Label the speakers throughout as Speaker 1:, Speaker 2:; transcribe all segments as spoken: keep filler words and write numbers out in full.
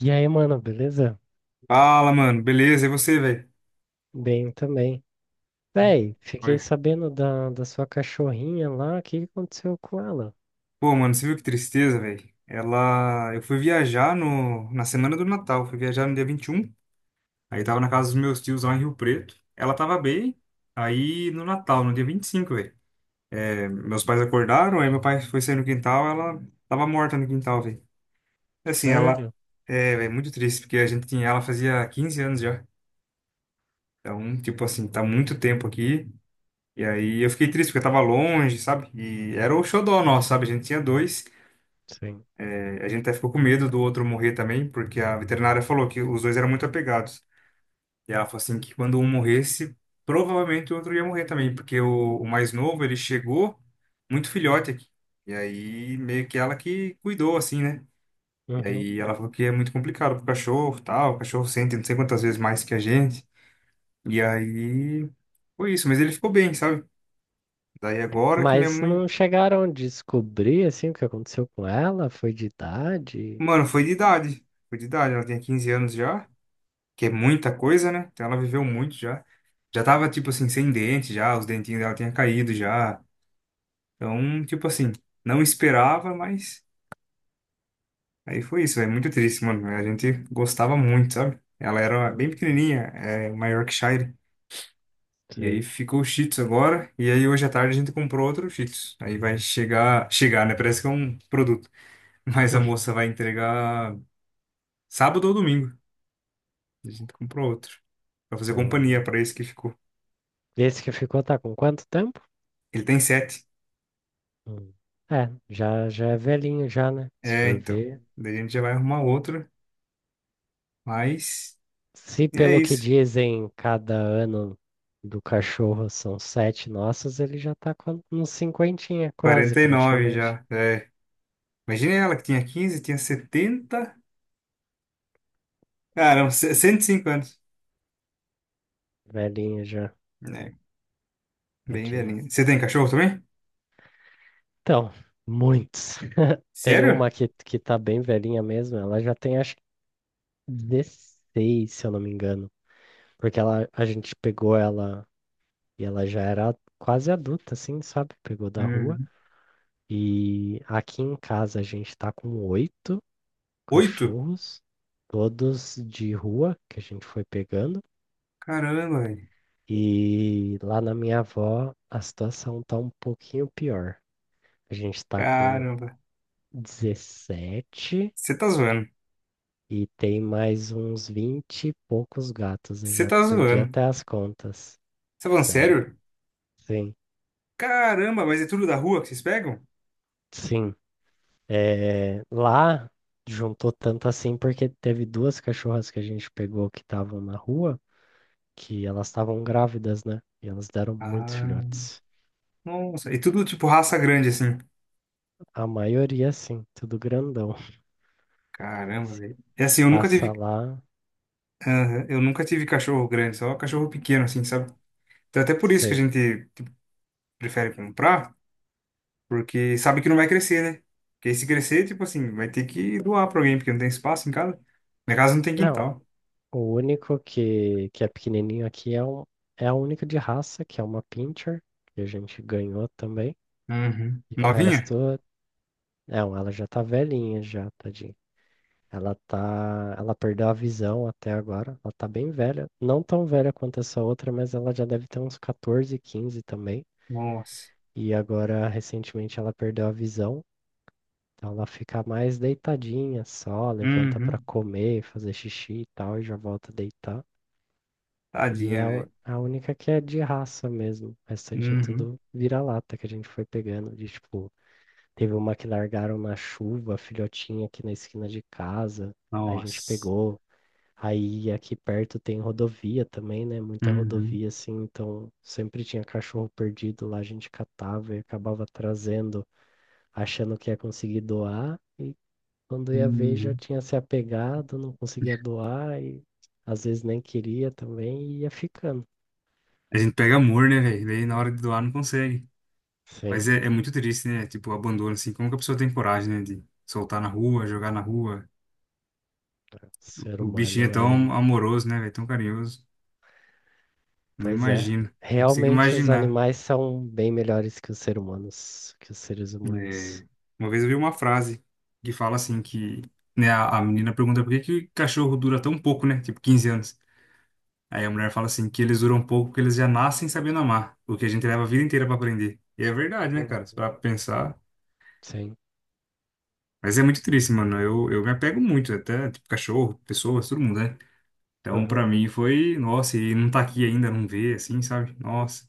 Speaker 1: E aí, mano, beleza?
Speaker 2: Fala, mano. Beleza, e você, velho?
Speaker 1: Bem também. Véi, fiquei
Speaker 2: Olha.
Speaker 1: sabendo da, da sua cachorrinha lá. O que que aconteceu com ela?
Speaker 2: Pô, mano, você viu que tristeza, velho? Ela. Eu fui viajar no... na semana do Natal. Fui viajar no dia vinte e um. Aí tava na casa dos meus tios lá em Rio Preto. Ela tava bem. Aí no Natal, no dia vinte e cinco, velho. É, meus pais acordaram, aí meu pai foi sair no quintal. Ela tava morta no quintal, velho. Assim, ela.
Speaker 1: Sério?
Speaker 2: É, velho, muito triste, porque a gente tinha ela fazia quinze anos já. Então, tipo assim, tá muito tempo aqui. E aí eu fiquei triste, porque eu tava longe, sabe? E era o xodó nosso, sabe? A gente tinha dois.
Speaker 1: Sim.
Speaker 2: A gente até ficou com medo do outro morrer também, porque a veterinária falou que os dois eram muito apegados. E ela falou assim que quando um morresse, provavelmente o outro ia morrer também, porque o, o mais novo, ele chegou muito filhote aqui. E aí meio que ela que cuidou assim, né? E
Speaker 1: Uhum.
Speaker 2: aí ela falou que é muito complicado pro cachorro, tal, o cachorro sente não sei quantas vezes mais que a gente. E aí foi isso, mas ele ficou bem, sabe? Daí agora que minha
Speaker 1: Mas
Speaker 2: mãe,
Speaker 1: não chegaram a descobrir, assim, o que aconteceu com ela? Foi de idade?
Speaker 2: mano, foi de idade, foi de idade, ela tinha quinze anos já. Que é muita coisa, né? Então ela viveu muito já. Já tava, tipo assim, sem dente já, os dentinhos dela tinham caído já. Então, tipo assim, não esperava, mas aí foi isso, é muito triste, mano. A gente gostava muito, sabe? Ela era bem
Speaker 1: Uhum.
Speaker 2: pequenininha, é, uma Yorkshire. E aí
Speaker 1: Sei.
Speaker 2: ficou o Shih Tzu agora, e aí hoje à tarde a gente comprou outro Shih Tzu. Aí vai chegar, chegar, né? Parece que é um produto. Mas a moça vai entregar sábado ou domingo. A gente comprou outro. Pra fazer companhia
Speaker 1: Hum.
Speaker 2: pra esse que ficou.
Speaker 1: Esse que ficou tá com quanto tempo?
Speaker 2: Ele tem sete.
Speaker 1: Hum. É, já, já é velhinho já, né? Se
Speaker 2: É,
Speaker 1: for
Speaker 2: então.
Speaker 1: ver.
Speaker 2: Daí a gente já vai arrumar outra. Mas
Speaker 1: Se
Speaker 2: é
Speaker 1: pelo que
Speaker 2: isso.
Speaker 1: dizem, cada ano do cachorro são sete nossas, ele já tá com uns cinquentinha quase,
Speaker 2: Quarenta e nove
Speaker 1: praticamente.
Speaker 2: já. É. Imagina, ela que tinha quinze, tinha setenta. Caramba, cento e cinco anos.
Speaker 1: Velhinha já,
Speaker 2: É, bem
Speaker 1: tadinha.
Speaker 2: velhinha. Você tem cachorro também?
Speaker 1: Então, muitos. Tem
Speaker 2: Sério?
Speaker 1: uma que, que tá bem velhinha mesmo, ela já tem acho que dezesseis, se eu não me engano. Porque ela, a gente pegou ela e ela já era quase adulta, assim, sabe? Pegou da rua.
Speaker 2: Uhum.
Speaker 1: E aqui em casa a gente tá com oito
Speaker 2: Oito?
Speaker 1: cachorros, todos de rua que a gente foi pegando.
Speaker 2: Caramba, velho.
Speaker 1: E lá na minha avó a situação tá um pouquinho pior. A gente tá com
Speaker 2: Caramba.
Speaker 1: dezessete
Speaker 2: Você tá zoando.
Speaker 1: e tem mais uns vinte e poucos gatos. Eu
Speaker 2: Você
Speaker 1: já
Speaker 2: tá
Speaker 1: perdi
Speaker 2: zoando.
Speaker 1: até as contas.
Speaker 2: Você tá falando
Speaker 1: Sério.
Speaker 2: sério?
Speaker 1: Sim,
Speaker 2: Caramba, mas é tudo da rua que vocês pegam?
Speaker 1: sim. É, lá juntou tanto assim porque teve duas cachorras que a gente pegou que estavam na rua, que elas estavam grávidas, né? E elas deram muitos
Speaker 2: Ah,
Speaker 1: filhotes.
Speaker 2: nossa. E tudo tipo raça grande, assim.
Speaker 1: A maioria, sim, tudo grandão.
Speaker 2: Caramba, velho. É assim, eu nunca
Speaker 1: Passa
Speaker 2: tive.
Speaker 1: lá,
Speaker 2: Aham, eu nunca tive cachorro grande, só cachorro pequeno, assim, sabe? Então, até por isso que a
Speaker 1: sei.
Speaker 2: gente, tipo, prefere comprar, porque sabe que não vai crescer, né? Porque aí se crescer, tipo assim, vai ter que doar pra alguém, porque não tem espaço em casa. Minha casa não tem
Speaker 1: Não,
Speaker 2: quintal.
Speaker 1: o único que, que é pequenininho aqui é, um, é o único de raça, que é uma pincher, que a gente ganhou também.
Speaker 2: Uhum.
Speaker 1: E o
Speaker 2: Novinha?
Speaker 1: resto, não, ela já tá velhinha já, tadinha. Ela tá, ela perdeu a visão até agora, ela tá bem velha. Não tão velha quanto essa outra, mas ela já deve ter uns quatorze, quinze também.
Speaker 2: Nossa.
Speaker 1: E agora, recentemente, ela perdeu a visão. Então ela fica mais deitadinha só, levanta pra
Speaker 2: Uhum.
Speaker 1: comer, fazer xixi e tal, e já volta a deitar. E é
Speaker 2: Tadinha,
Speaker 1: a, u-
Speaker 2: velho.
Speaker 1: a única que é de raça mesmo. O restante é
Speaker 2: Uhum.
Speaker 1: tudo vira-lata que a gente foi pegando. De, tipo, teve uma que largaram na chuva, a filhotinha aqui na esquina de casa. Aí a gente
Speaker 2: Nossa.
Speaker 1: pegou. Aí aqui perto tem rodovia também, né? Muita
Speaker 2: Uhum.
Speaker 1: rodovia, assim. Então sempre tinha cachorro perdido lá, a gente catava e acabava trazendo, achando que ia conseguir doar. E quando ia ver, já
Speaker 2: Uhum.
Speaker 1: tinha se apegado, não conseguia doar e às vezes nem queria também e ia ficando.
Speaker 2: A gente pega amor, né, velho? Daí na hora de doar não consegue. Mas
Speaker 1: Sim,
Speaker 2: é, é muito triste, né? Tipo, o abandono, assim. Como que a pessoa tem coragem, né, de soltar na rua, jogar na rua?
Speaker 1: o ser
Speaker 2: O bichinho é
Speaker 1: humano
Speaker 2: tão
Speaker 1: é.
Speaker 2: amoroso, né, velho? Tão carinhoso. Não
Speaker 1: Pois é.
Speaker 2: imagino. Não consigo
Speaker 1: Realmente os
Speaker 2: imaginar.
Speaker 1: animais são bem melhores que os seres humanos, que os seres humanos.
Speaker 2: É, uma vez eu vi uma frase que fala assim que, né, a, a menina pergunta por que que cachorro dura tão pouco, né? Tipo quinze anos. Aí a mulher fala assim que eles duram pouco porque eles já nascem sabendo amar, o que a gente leva a vida inteira pra aprender. E é verdade, né,
Speaker 1: Hum,
Speaker 2: cara? Se parar pra pensar.
Speaker 1: sim.
Speaker 2: Mas é muito triste, mano. Eu, eu me apego muito até, tipo, cachorro, pessoas, todo mundo, né? Então,
Speaker 1: Uhum.
Speaker 2: pra mim foi, nossa, e não tá aqui ainda, não vê, assim, sabe? Nossa.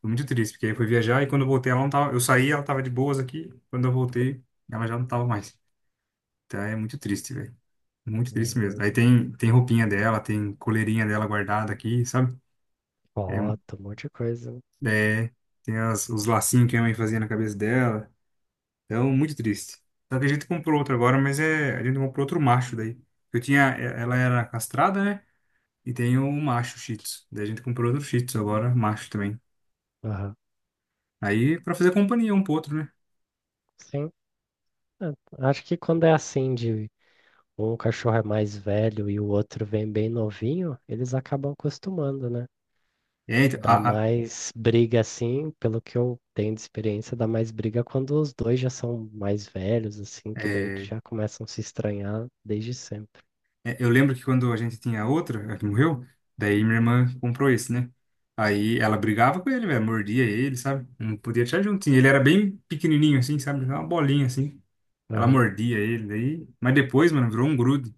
Speaker 2: Foi muito triste, porque aí foi viajar e quando eu voltei ela não tava. Eu saí, ela tava de boas aqui. Quando eu voltei, ela já não tava mais. Então é muito triste, velho. Muito
Speaker 1: É
Speaker 2: triste mesmo. Aí
Speaker 1: mesmo.
Speaker 2: tem, tem roupinha dela, tem coleirinha dela guardada aqui, sabe? É,
Speaker 1: Foto, um monte de coisa, né?
Speaker 2: é, tem as- os lacinhos que a mãe fazia na cabeça dela. Então, muito triste. Só que a gente comprou outro agora, mas é, a gente comprou outro macho daí. Eu tinha, é- ela era castrada, né? E tem o macho Shih Tzu. Daí a gente comprou outro Shih Tzu agora, macho também.
Speaker 1: Aham.
Speaker 2: Aí pra fazer companhia um pro outro, né?
Speaker 1: Sim. É, acho que quando é assim, de um cachorro é mais velho e o outro vem bem novinho, eles acabam acostumando, né?
Speaker 2: É, então,
Speaker 1: Dá
Speaker 2: a, a-
Speaker 1: mais briga assim, pelo que eu tenho de experiência, dá mais briga quando os dois já são mais velhos, assim, que daí eles
Speaker 2: é,
Speaker 1: já começam a se estranhar desde sempre.
Speaker 2: É, Eu lembro que quando a gente tinha outra, a que morreu, daí minha irmã comprou esse, né? Aí ela brigava com ele, velho, mordia ele, sabe? Não podia tirar juntinho. Ele era bem pequenininho assim, sabe? Uma bolinha assim. Ela
Speaker 1: Aham.
Speaker 2: mordia ele, daí. Mas depois, mano, virou um grude.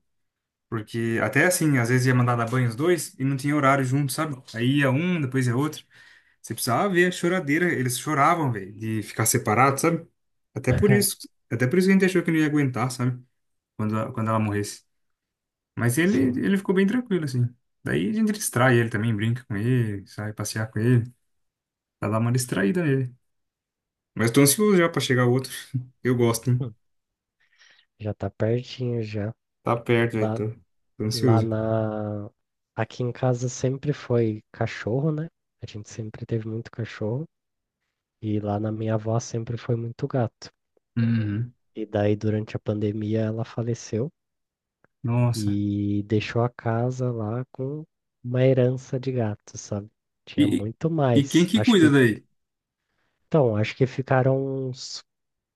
Speaker 2: Porque até assim, às vezes ia mandar dar banho os dois e não tinha horário junto, sabe? Aí ia um, depois ia outro. Você precisava ver a choradeira. Eles choravam, velho, de ficar separado, sabe? Até por isso. Até por isso que a gente achou que não ia aguentar, sabe? Quando, a- quando ela morresse. Mas ele,
Speaker 1: Sim.
Speaker 2: ele ficou bem tranquilo, assim. Daí a gente distrai ele também, brinca com ele, sai passear com ele, pra dar uma distraída nele. Mas tô ansioso já pra chegar o outro. Eu gosto, hein?
Speaker 1: Hum. Já tá pertinho já.
Speaker 2: Tá perto, velho.
Speaker 1: Lá,
Speaker 2: Tô, tô
Speaker 1: lá
Speaker 2: ansioso.
Speaker 1: na. Aqui em casa sempre foi cachorro, né? A gente sempre teve muito cachorro. E lá na minha avó sempre foi muito gato.
Speaker 2: Uhum.
Speaker 1: E daí, durante a pandemia, ela faleceu.
Speaker 2: Nossa.
Speaker 1: E deixou a casa lá com uma herança de gato, sabe?
Speaker 2: E,
Speaker 1: Tinha muito
Speaker 2: e e quem
Speaker 1: mais.
Speaker 2: que
Speaker 1: Acho
Speaker 2: cuida
Speaker 1: que,
Speaker 2: daí?
Speaker 1: então, acho que ficaram uns,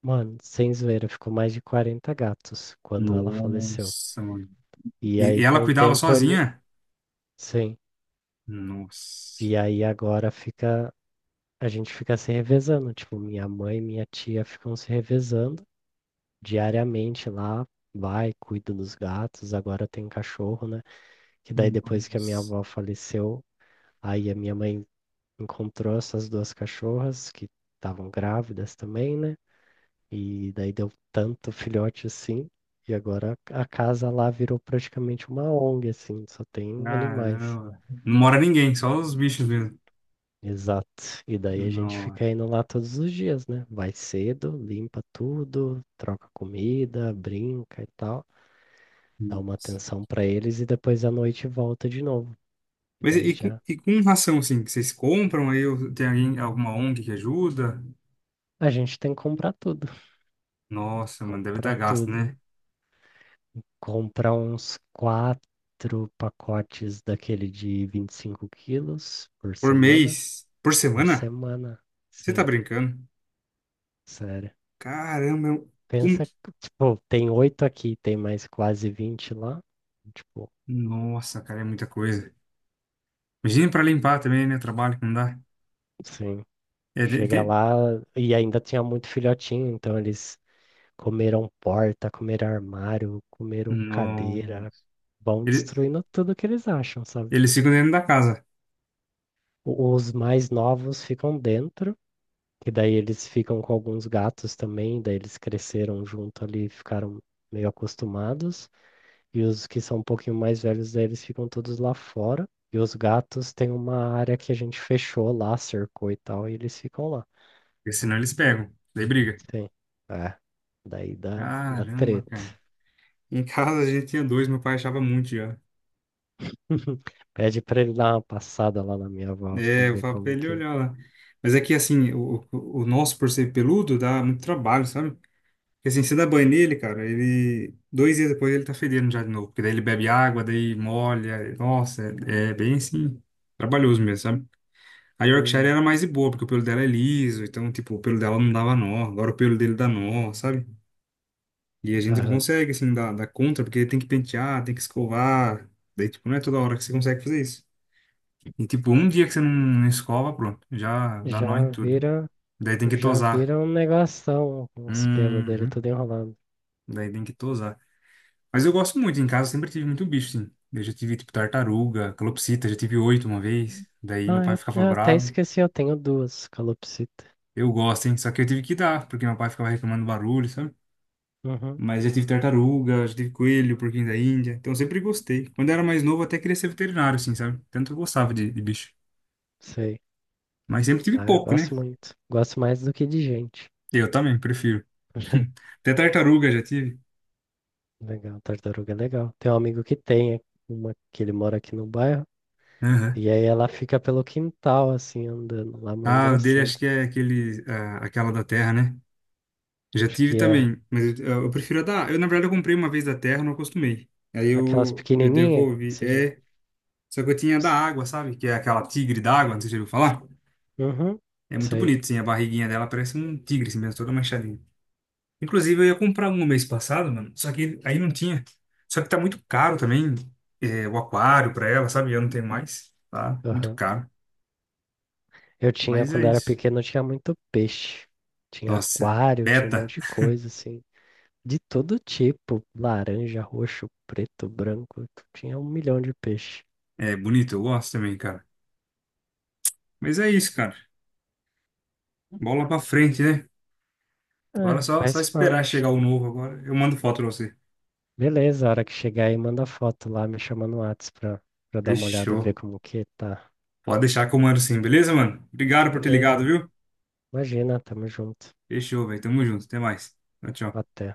Speaker 1: mano, sem zoeira, ficou mais de quarenta gatos quando ela faleceu.
Speaker 2: Nossa, mano.
Speaker 1: E
Speaker 2: E,
Speaker 1: aí,
Speaker 2: e ela
Speaker 1: com o
Speaker 2: cuidava
Speaker 1: tempo, ele,
Speaker 2: sozinha?
Speaker 1: sim.
Speaker 2: Nossa.
Speaker 1: E aí, agora fica, a gente fica se revezando. Tipo, minha mãe e minha tia ficam se revezando diariamente lá. Vai, cuida dos gatos. Agora tem cachorro, né? Que daí, depois que a minha
Speaker 2: Nossa.
Speaker 1: avó faleceu, aí a minha mãe encontrou essas duas cachorras que estavam grávidas também, né? E daí deu tanto filhote assim, e agora a casa lá virou praticamente uma ONG, assim, só tem animais.
Speaker 2: Caramba. Não mora ninguém, só os bichos mesmo.
Speaker 1: Exato. E daí a gente fica
Speaker 2: Nossa.
Speaker 1: indo lá todos os dias, né? Vai cedo, limpa tudo, troca comida, brinca e tal, dá uma atenção pra eles e depois à noite volta de novo. E
Speaker 2: Mas e,
Speaker 1: daí
Speaker 2: e com
Speaker 1: já
Speaker 2: e com ração, assim, que vocês compram aí? Ou tem alguém, alguma ONG que ajuda?
Speaker 1: a gente tem que comprar tudo.
Speaker 2: Nossa, mano, deve
Speaker 1: Compra
Speaker 2: dar gasto,
Speaker 1: tudo.
Speaker 2: né?
Speaker 1: Comprar uns quatro pacotes daquele de vinte e cinco quilos por
Speaker 2: Por
Speaker 1: semana.
Speaker 2: mês? Por
Speaker 1: Por
Speaker 2: semana?
Speaker 1: semana,
Speaker 2: Você tá
Speaker 1: sim,
Speaker 2: brincando?
Speaker 1: sério.
Speaker 2: Caramba, é um... um-
Speaker 1: Pensa, que, tipo, tem oito aqui, tem mais quase vinte lá. Tipo,
Speaker 2: Nossa, cara, é muita coisa. Imagina pra limpar também, né? O trabalho que não dá.
Speaker 1: sim.
Speaker 2: É, tem,
Speaker 1: Chega
Speaker 2: tem-
Speaker 1: lá e ainda tinha muito filhotinho, então eles comeram porta, comeram armário, comeram
Speaker 2: No...
Speaker 1: cadeira, vão
Speaker 2: Ele,
Speaker 1: destruindo tudo que eles acham, sabe?
Speaker 2: eles ficam dentro da casa,
Speaker 1: O- Os mais novos ficam dentro. Que daí eles ficam com alguns gatos também, daí eles cresceram junto ali, ficaram meio acostumados. E os que são um pouquinho mais velhos, daí eles ficam todos lá fora. E os gatos têm uma área que a gente fechou lá, cercou e tal, e eles ficam lá.
Speaker 2: porque senão eles pegam. Daí briga.
Speaker 1: Sim. É. Daí dá, dá
Speaker 2: Caramba,
Speaker 1: treta.
Speaker 2: cara. Em casa a gente tinha dois, meu pai achava muito já.
Speaker 1: Pede pra ele dar uma passada lá na minha avó pra
Speaker 2: É, eu
Speaker 1: ver
Speaker 2: falo pra
Speaker 1: como
Speaker 2: ele
Speaker 1: que.
Speaker 2: olhar lá. Mas é que, assim, o, o o nosso, por ser peludo, dá muito trabalho, sabe? Porque, assim, você dá banho nele, cara, ele... Dois dias depois ele tá fedendo já de novo. Porque daí ele bebe água, daí molha. Nossa, é, é bem, assim, trabalhoso mesmo, sabe? A Yorkshire
Speaker 1: Uhum.
Speaker 2: era mais de boa, porque o pelo dela é liso. Então, tipo, o pelo dela não dava nó. Agora o pelo dele dá nó, sabe? E a gente não
Speaker 1: Aham.
Speaker 2: consegue, assim, dar, dar conta, porque ele tem que pentear, tem que escovar. Daí, tipo, não é toda hora que você consegue fazer isso. E tipo, um dia que você não, não escova, pronto, já dá nó em
Speaker 1: Já
Speaker 2: tudo.
Speaker 1: vira,
Speaker 2: Daí tem que
Speaker 1: já
Speaker 2: tosar.
Speaker 1: vira um negoção, os pelos dele
Speaker 2: Uhum.
Speaker 1: tudo enrolado.
Speaker 2: Daí tem que tosar. Mas eu gosto muito, em casa eu sempre tive muito bicho, sim. Eu já tive, tipo, tartaruga, calopsita, já tive oito uma vez. Daí meu
Speaker 1: Ah,
Speaker 2: pai
Speaker 1: eu,
Speaker 2: ficava
Speaker 1: eu até
Speaker 2: bravo.
Speaker 1: esqueci, eu tenho duas calopsita.
Speaker 2: Eu gosto, hein? Só que eu tive que dar, porque meu pai ficava reclamando barulho, sabe?
Speaker 1: Uhum,
Speaker 2: Mas já tive tartaruga, já tive coelho, porquinho da Índia. Então eu sempre gostei. Quando eu era mais novo, eu até queria ser veterinário, assim, sabe? Tanto eu gostava de, de bicho.
Speaker 1: sei.
Speaker 2: Mas sempre tive
Speaker 1: Ah, eu
Speaker 2: pouco, né?
Speaker 1: gosto muito. Gosto mais do que de gente.
Speaker 2: Eu também, prefiro. Até tartaruga já tive.
Speaker 1: Legal, tartaruga é legal. Tem um amigo que tem é uma que ele mora aqui no bairro. E aí ela fica pelo quintal, assim, andando lá, mãe
Speaker 2: Ah, o dele
Speaker 1: engraçado.
Speaker 2: acho que é aquele, ah, aquela da Terra, né? Já
Speaker 1: Acho
Speaker 2: tive
Speaker 1: que é
Speaker 2: também, mas eu, eu prefiro a da. Eu, na verdade, eu comprei uma vez da Terra, não acostumei. Aí
Speaker 1: aquelas
Speaker 2: eu, eu
Speaker 1: pequenininhas, que
Speaker 2: devolvi.
Speaker 1: seja.
Speaker 2: É, só que eu tinha da água, sabe? Que é aquela tigre d'água, não sei se você já ouviu falar.
Speaker 1: Uhum,
Speaker 2: É muito
Speaker 1: sei.
Speaker 2: bonito, sim, a barriguinha dela parece um tigre, assim mesmo, toda manchadinha. Inclusive, eu ia comprar um mês passado, mano, só que aí não tinha. Só que tá muito caro também, é, o aquário pra ela, sabe? Eu não tenho mais, tá? Muito
Speaker 1: Aham.
Speaker 2: caro.
Speaker 1: Eu tinha,
Speaker 2: Mas é
Speaker 1: quando era
Speaker 2: isso.
Speaker 1: pequeno, eu tinha muito peixe. Tinha
Speaker 2: Nossa,
Speaker 1: aquário, tinha um
Speaker 2: beta.
Speaker 1: monte de coisa, assim. De todo tipo, laranja, roxo, preto, branco, tinha um milhão de peixe.
Speaker 2: É bonito, eu gosto também, cara. Mas é isso, cara. Bola pra frente, né? Agora é
Speaker 1: É,
Speaker 2: só, só
Speaker 1: faz
Speaker 2: esperar
Speaker 1: parte.
Speaker 2: chegar o novo agora. Eu mando foto pra você.
Speaker 1: Beleza, a hora que chegar aí, manda foto lá, me chama no Whats pra, pra, dar uma olhada, ver
Speaker 2: Fechou.
Speaker 1: como que tá.
Speaker 2: Pode deixar que eu mando sim, beleza, mano? Obrigado por ter ligado,
Speaker 1: Beleza,
Speaker 2: viu?
Speaker 1: imagina, tamo junto.
Speaker 2: Fechou, velho. Tamo junto. Até mais. Tchau, tchau.
Speaker 1: Até.